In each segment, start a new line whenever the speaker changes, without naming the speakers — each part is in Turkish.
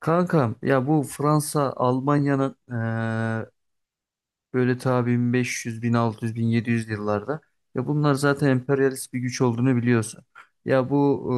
Kankam ya bu Fransa Almanya'nın böyle ta 1500, 1600, 1700 yıllarda. Ya bunlar zaten emperyalist bir güç olduğunu biliyorsun. Ya bu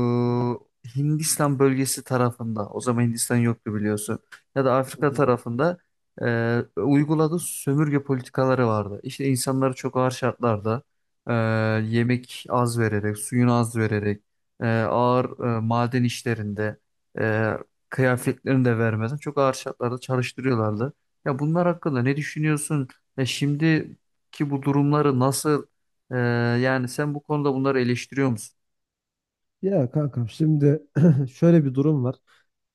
Hindistan bölgesi tarafında, o zaman Hindistan yoktu biliyorsun. Ya da
Hı
Afrika
hı.
tarafında uyguladığı sömürge politikaları vardı. İşte insanları çok ağır şartlarda e, yemek az vererek, suyunu az vererek, ağır maden işlerinde, e, kıyafetlerini de vermeden çok ağır şartlarda çalıştırıyorlardı. Ya bunlar hakkında ne düşünüyorsun? Şimdiki bu durumları nasıl e, yani sen bu konuda bunları eleştiriyor musun?
Ya kankam şimdi şöyle bir durum var.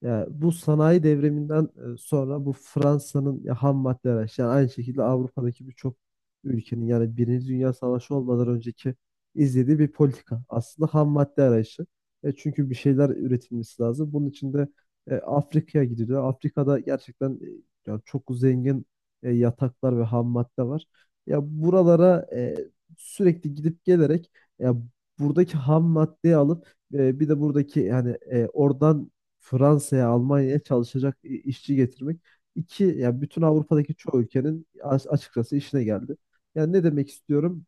Ya bu sanayi devriminden sonra bu Fransa'nın ya ham madde araç yani aynı şekilde Avrupa'daki birçok ülkenin yani Birinci Dünya Savaşı olmadan önceki izlediği bir politika. Aslında ham madde arayışı. Çünkü bir şeyler üretilmesi lazım. Bunun için de Afrika'ya gidiliyor. Afrika'da gerçekten ya çok zengin yataklar ve ham madde var. Ya buralara sürekli gidip gelerek ya buradaki ham maddeyi alıp bir de buradaki yani oradan Fransa'ya, Almanya'ya çalışacak işçi getirmek iki ya bütün Avrupa'daki çoğu ülkenin açıkçası işine geldi. Yani ne demek istiyorum?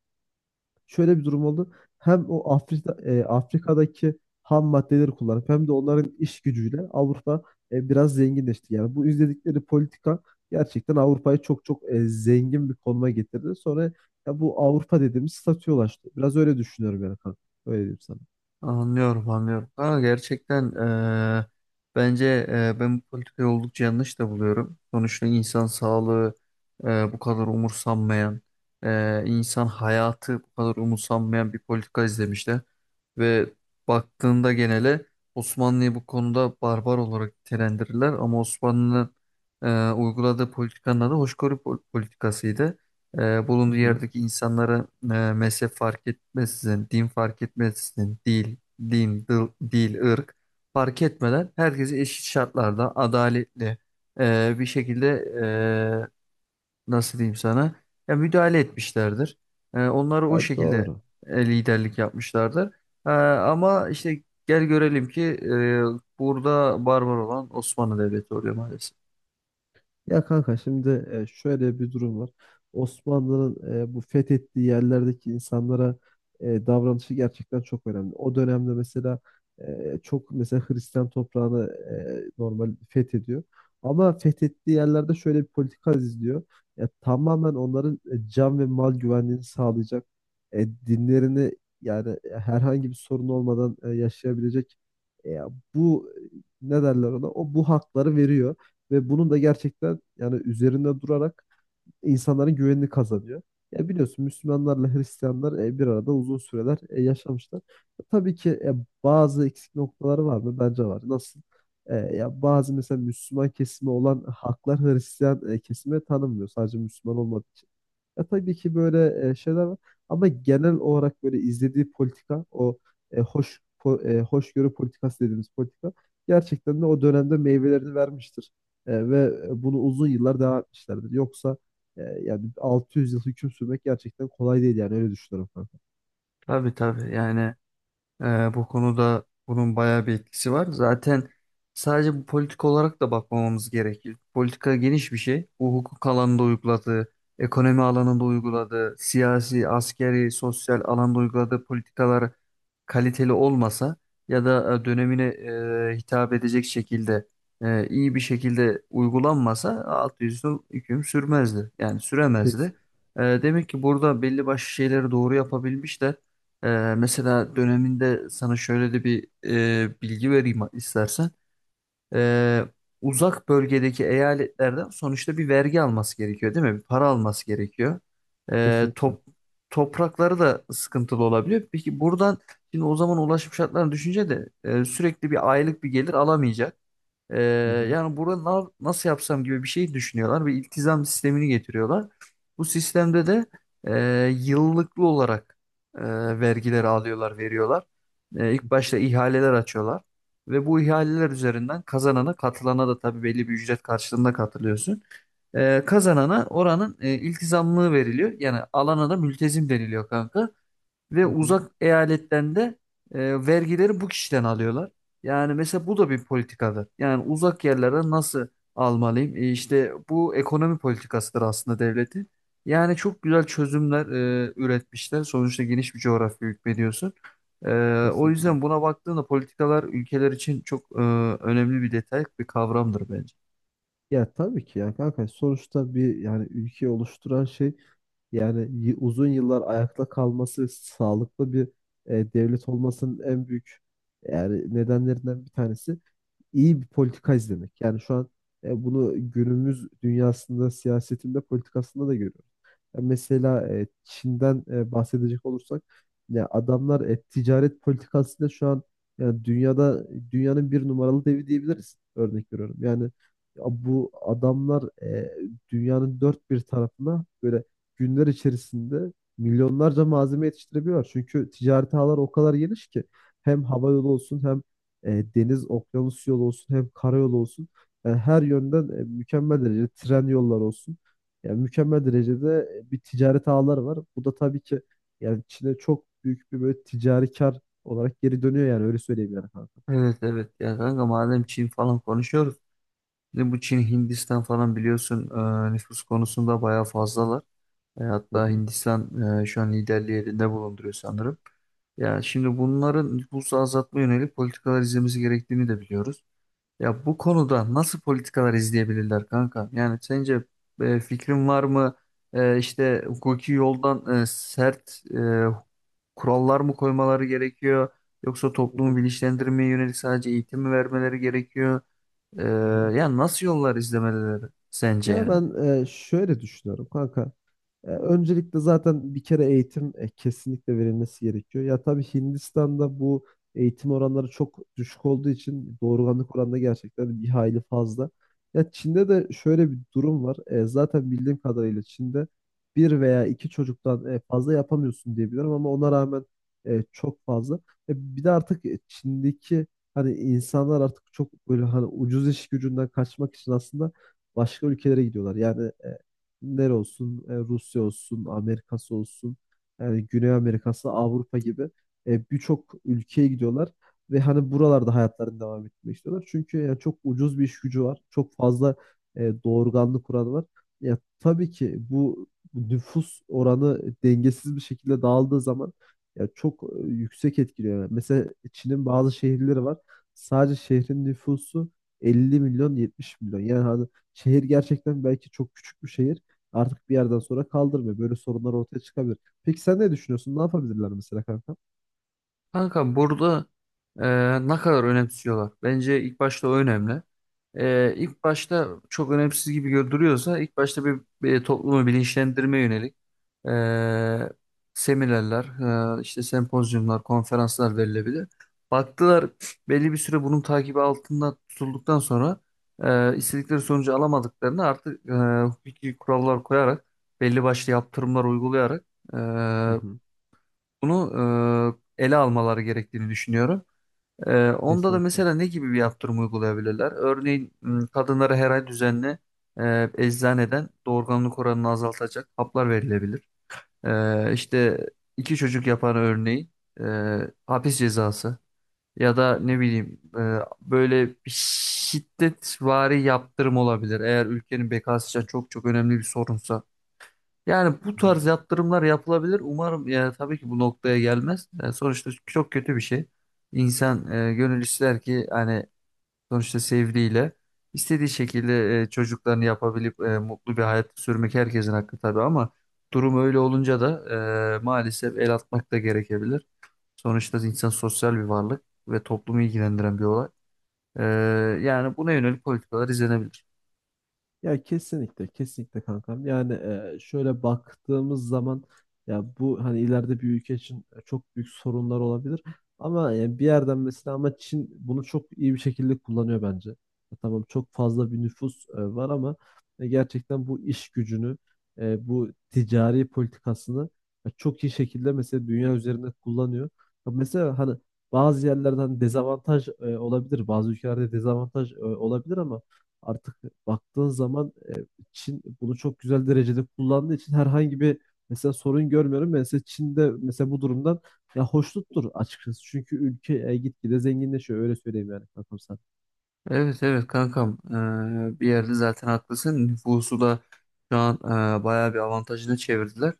Şöyle bir durum oldu. Hem o Afrika'daki ham maddeleri kullanıp hem de onların iş gücüyle Avrupa biraz zenginleşti. Yani bu izledikleri politika gerçekten Avrupa'yı çok çok zengin bir konuma getirdi. Sonra ya bu Avrupa dediğimiz statüye ulaştı. Biraz öyle düşünüyorum yani kanka. Öyle diyeyim sana.
Anlıyorum, anlıyorum. Ama gerçekten e, bence ben bu politikayı oldukça yanlış da buluyorum. Sonuçta insan sağlığı bu kadar umursanmayan, insan hayatı bu kadar umursanmayan bir politika izlemişler. Ve baktığında genele Osmanlı'yı bu konuda barbar olarak nitelendirirler. Ama Osmanlı'nın uyguladığı politikanın adı politikasıydı.
Hı
Bulunduğu
hı.
yerdeki insanlara mezhep fark etmeksizin, din fark etmeksizin, dil, ırk fark etmeden herkesi eşit şartlarda adaletli bir şekilde, nasıl diyeyim sana, ya müdahale etmişlerdir. Onları o
Ya
şekilde
doğru.
liderlik yapmışlardır. Ama işte gel görelim ki burada barbar olan Osmanlı Devleti oluyor maalesef.
Ya kanka şimdi şöyle bir durum var. Osmanlı'nın bu fethettiği yerlerdeki insanlara davranışı gerçekten çok önemli. O dönemde mesela çok mesela Hristiyan toprağını normal fethediyor. Ama fethettiği yerlerde şöyle bir politika izliyor. Ya, tamamen onların can ve mal güvenliğini sağlayacak. Dinlerini yani herhangi bir sorun olmadan yaşayabilecek. E, bu ne derler ona? O bu hakları veriyor. Ve bunun da gerçekten yani üzerinde durarak insanların güvenini kazanıyor. Ya biliyorsun Müslümanlarla Hristiyanlar bir arada uzun süreler yaşamışlar. Tabii ki bazı eksik noktaları var mı? Bence var. Nasıl? Ya bazı mesela Müslüman kesimi olan haklar Hristiyan kesime tanınmıyor. Sadece Müslüman olmadığı için. Ya tabii ki böyle şeyler var ama genel olarak böyle izlediği politika o hoşgörü politikası dediğimiz politika gerçekten de o dönemde meyvelerini vermiştir. Ve bunu uzun yıllar devam etmişlerdir. Yoksa yani 600 yıl hüküm sürmek gerçekten kolay değil yani öyle düşünüyorum kanka.
Tabii, tabii, yani bu konuda bunun bayağı bir etkisi var. Zaten sadece bu politik olarak da bakmamamız gerekir. Politika geniş bir şey. Bu hukuk alanında uyguladığı, ekonomi alanında uyguladığı, siyasi, askeri, sosyal alanda uyguladığı politikalar kaliteli olmasa ya da dönemine hitap edecek şekilde iyi bir şekilde uygulanmasa 600 yıl hüküm sürmezdi. Yani
Kes,
süremezdi. Demek ki burada belli başlı şeyleri doğru yapabilmişler. Mesela döneminde sana şöyle de bir bilgi vereyim istersen. Ee, Uzak bölgedeki eyaletlerden sonuçta bir vergi alması gerekiyor, değil mi? Bir para alması gerekiyor. Ee,
kesinlikle.
top, Toprakları da sıkıntılı olabiliyor. Peki buradan şimdi o zaman ulaşım şartlarını düşünce de sürekli bir aylık bir gelir alamayacak. Ee,
Hı hı,
Yani burada nasıl yapsam gibi bir şey düşünüyorlar ve iltizam sistemini getiriyorlar. Bu sistemde de yıllıklı olarak e, vergileri alıyorlar, veriyorlar.
hı
İlk başta
hı,
ihaleler açıyorlar ve bu ihaleler üzerinden kazanana, katılana da tabii belli bir ücret karşılığında katılıyorsun. Kazanana oranın iltizamlığı veriliyor. Yani alana da mültezim deniliyor kanka. Ve
hı hı,
uzak eyaletlerinde vergileri bu kişiden alıyorlar. Yani mesela bu da bir politikadır. Yani uzak yerlere nasıl almalıyım? İşte bu ekonomi politikasıdır aslında devletin. Yani çok güzel çözümler üretmişler. Sonuçta geniş bir coğrafya hükmediyorsun. E, O
kesinlikle.
yüzden buna baktığında politikalar ülkeler için çok önemli bir detay, bir kavramdır bence.
Ya tabii ki yani kanka sonuçta bir yani ülke oluşturan şey, yani uzun yıllar ayakta kalması, sağlıklı bir devlet olmasının en büyük yani nedenlerinden bir tanesi iyi bir politika izlemek. Yani şu an bunu günümüz dünyasında, siyasetinde, politikasında da görüyoruz. Ya mesela Çin'den bahsedecek olursak ya adamlar ticaret politikasıyla şu an yani dünyada dünyanın bir numaralı devi diyebiliriz. Örnek veriyorum. Yani ya bu adamlar dünyanın dört bir tarafına böyle günler içerisinde milyonlarca malzeme yetiştirebiliyorlar. Çünkü ticaret ağları o kadar geniş ki hem hava yolu olsun hem deniz okyanus yolu olsun hem karayolu olsun. Yani her yönden mükemmel derecede tren yolları olsun. Yani mükemmel derecede bir ticaret ağları var. Bu da tabii ki yani Çin'e çok büyük bir böyle ticari kar olarak geri dönüyor yani öyle söyleyeyim yani kanka.
Evet, evet ya kanka, madem Çin falan konuşuyoruz. Şimdi bu Çin Hindistan falan biliyorsun nüfus konusunda bayağı fazlalar.
Hı
Hatta
hı.
Hindistan şu an liderliği elinde bulunduruyor sanırım. Ya şimdi bunların nüfusu azaltma yönelik politikalar izlemesi gerektiğini de biliyoruz. Ya bu konuda nasıl politikalar izleyebilirler kanka? Yani sence fikrin var mı? İşte hukuki yoldan sert kurallar mı koymaları gerekiyor? Yoksa
Hı
toplumu
hı.
bilinçlendirmeye yönelik sadece eğitim mi vermeleri gerekiyor? E,
Hı hı.
Yani nasıl yollar izlemeleri sence
Ya
yani?
ben şöyle düşünüyorum kanka. Öncelikle zaten bir kere eğitim kesinlikle verilmesi gerekiyor. Ya tabii Hindistan'da bu eğitim oranları çok düşük olduğu için doğurganlık oranı da gerçekten bir hayli fazla. Ya Çin'de de şöyle bir durum var. Zaten bildiğim kadarıyla Çin'de bir veya iki çocuktan fazla yapamıyorsun diye biliyorum ama ona rağmen çok fazla. Bir de artık Çin'deki hani insanlar artık çok böyle hani ucuz iş gücünden kaçmak için aslında başka ülkelere gidiyorlar. Yani Rusya olsun, Amerika'sı olsun, yani Güney Amerika'sı, Avrupa gibi birçok ülkeye gidiyorlar ve hani buralarda hayatlarını devam etmek istiyorlar. Çünkü yani çok ucuz bir iş gücü var, çok fazla doğurganlık kuralı var. Ya tabii ki bu nüfus oranı dengesiz bir şekilde dağıldığı zaman ya çok yüksek etkiliyor. Yani mesela Çin'in bazı şehirleri var. Sadece şehrin nüfusu 50 milyon 70 milyon. Yani hani şehir gerçekten belki çok küçük bir şehir artık bir yerden sonra kaldırmıyor. Böyle sorunlar ortaya çıkabilir. Peki sen ne düşünüyorsun? Ne yapabilirler mesela kanka?
Kanka burada ne kadar önemsiyorlar? Bence ilk başta o önemli. İlk başta çok önemsiz gibi görünüyorsa ilk başta bir toplumu bilinçlendirmeye yönelik e, seminerler, işte sempozyumlar, konferanslar verilebilir. Baktılar, belli bir süre bunun takibi altında tutulduktan sonra istedikleri sonucu alamadıklarını artık hukuki kurallar koyarak belli başlı yaptırımlar uygulayarak
Hı hı.
bunu ele almaları gerektiğini düşünüyorum. Onda da
Kesinlikle.
mesela ne gibi bir yaptırım uygulayabilirler? Örneğin kadınlara her ay düzenli eczaneden doğurganlık oranını azaltacak haplar verilebilir. İşte iki çocuk yapan örneğin e, hapis cezası ya da ne bileyim, böyle bir şiddetvari yaptırım olabilir. Eğer ülkenin bekası için çok çok önemli bir sorunsa. Yani bu
Hı hı.
tarz yatırımlar yapılabilir. Umarım ya tabii ki bu noktaya gelmez. Sonuçta çok kötü bir şey. İnsan, gönül ister ki hani sonuçta sevdiğiyle istediği şekilde çocuklarını yapabilip mutlu bir hayat sürmek herkesin hakkı tabii ama durum öyle olunca da maalesef el atmak da gerekebilir. Sonuçta insan sosyal bir varlık ve toplumu ilgilendiren bir olay. E, Yani buna yönelik politikalar izlenebilir.
Ya kesinlikle, kesinlikle kankam. Yani şöyle baktığımız zaman ya bu hani ileride bir ülke için çok büyük sorunlar olabilir. Ama yani bir yerden mesela ama Çin bunu çok iyi bir şekilde kullanıyor bence. Ya tamam çok fazla bir nüfus var ama gerçekten bu iş gücünü, bu ticari politikasını çok iyi şekilde mesela dünya üzerinde kullanıyor. Ya mesela hani bazı yerlerden dezavantaj olabilir, bazı ülkelerde dezavantaj olabilir ama artık baktığın zaman Çin bunu çok güzel derecede kullandığı için herhangi bir mesela sorun görmüyorum. Ben mesela Çin'de mesela bu durumdan ya hoşnuttur açıkçası. Çünkü ülke gitgide zenginleşiyor öyle söyleyeyim yani kankam sana.
Evet, evet kankam. Bir yerde zaten haklısın, nüfusu da şu an bayağı bir avantajını çevirdiler.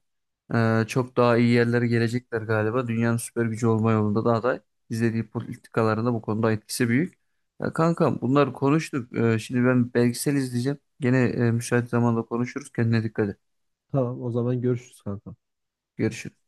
Çok daha iyi yerlere gelecekler galiba, dünyanın süper gücü olma yolunda da aday, izlediği politikalarında bu konuda etkisi büyük. Ya kankam, bunları konuştuk. Şimdi ben belgesel izleyeceğim gene, müsait zamanda konuşuruz, kendine dikkat et,
Tamam o zaman görüşürüz kankam.
görüşürüz.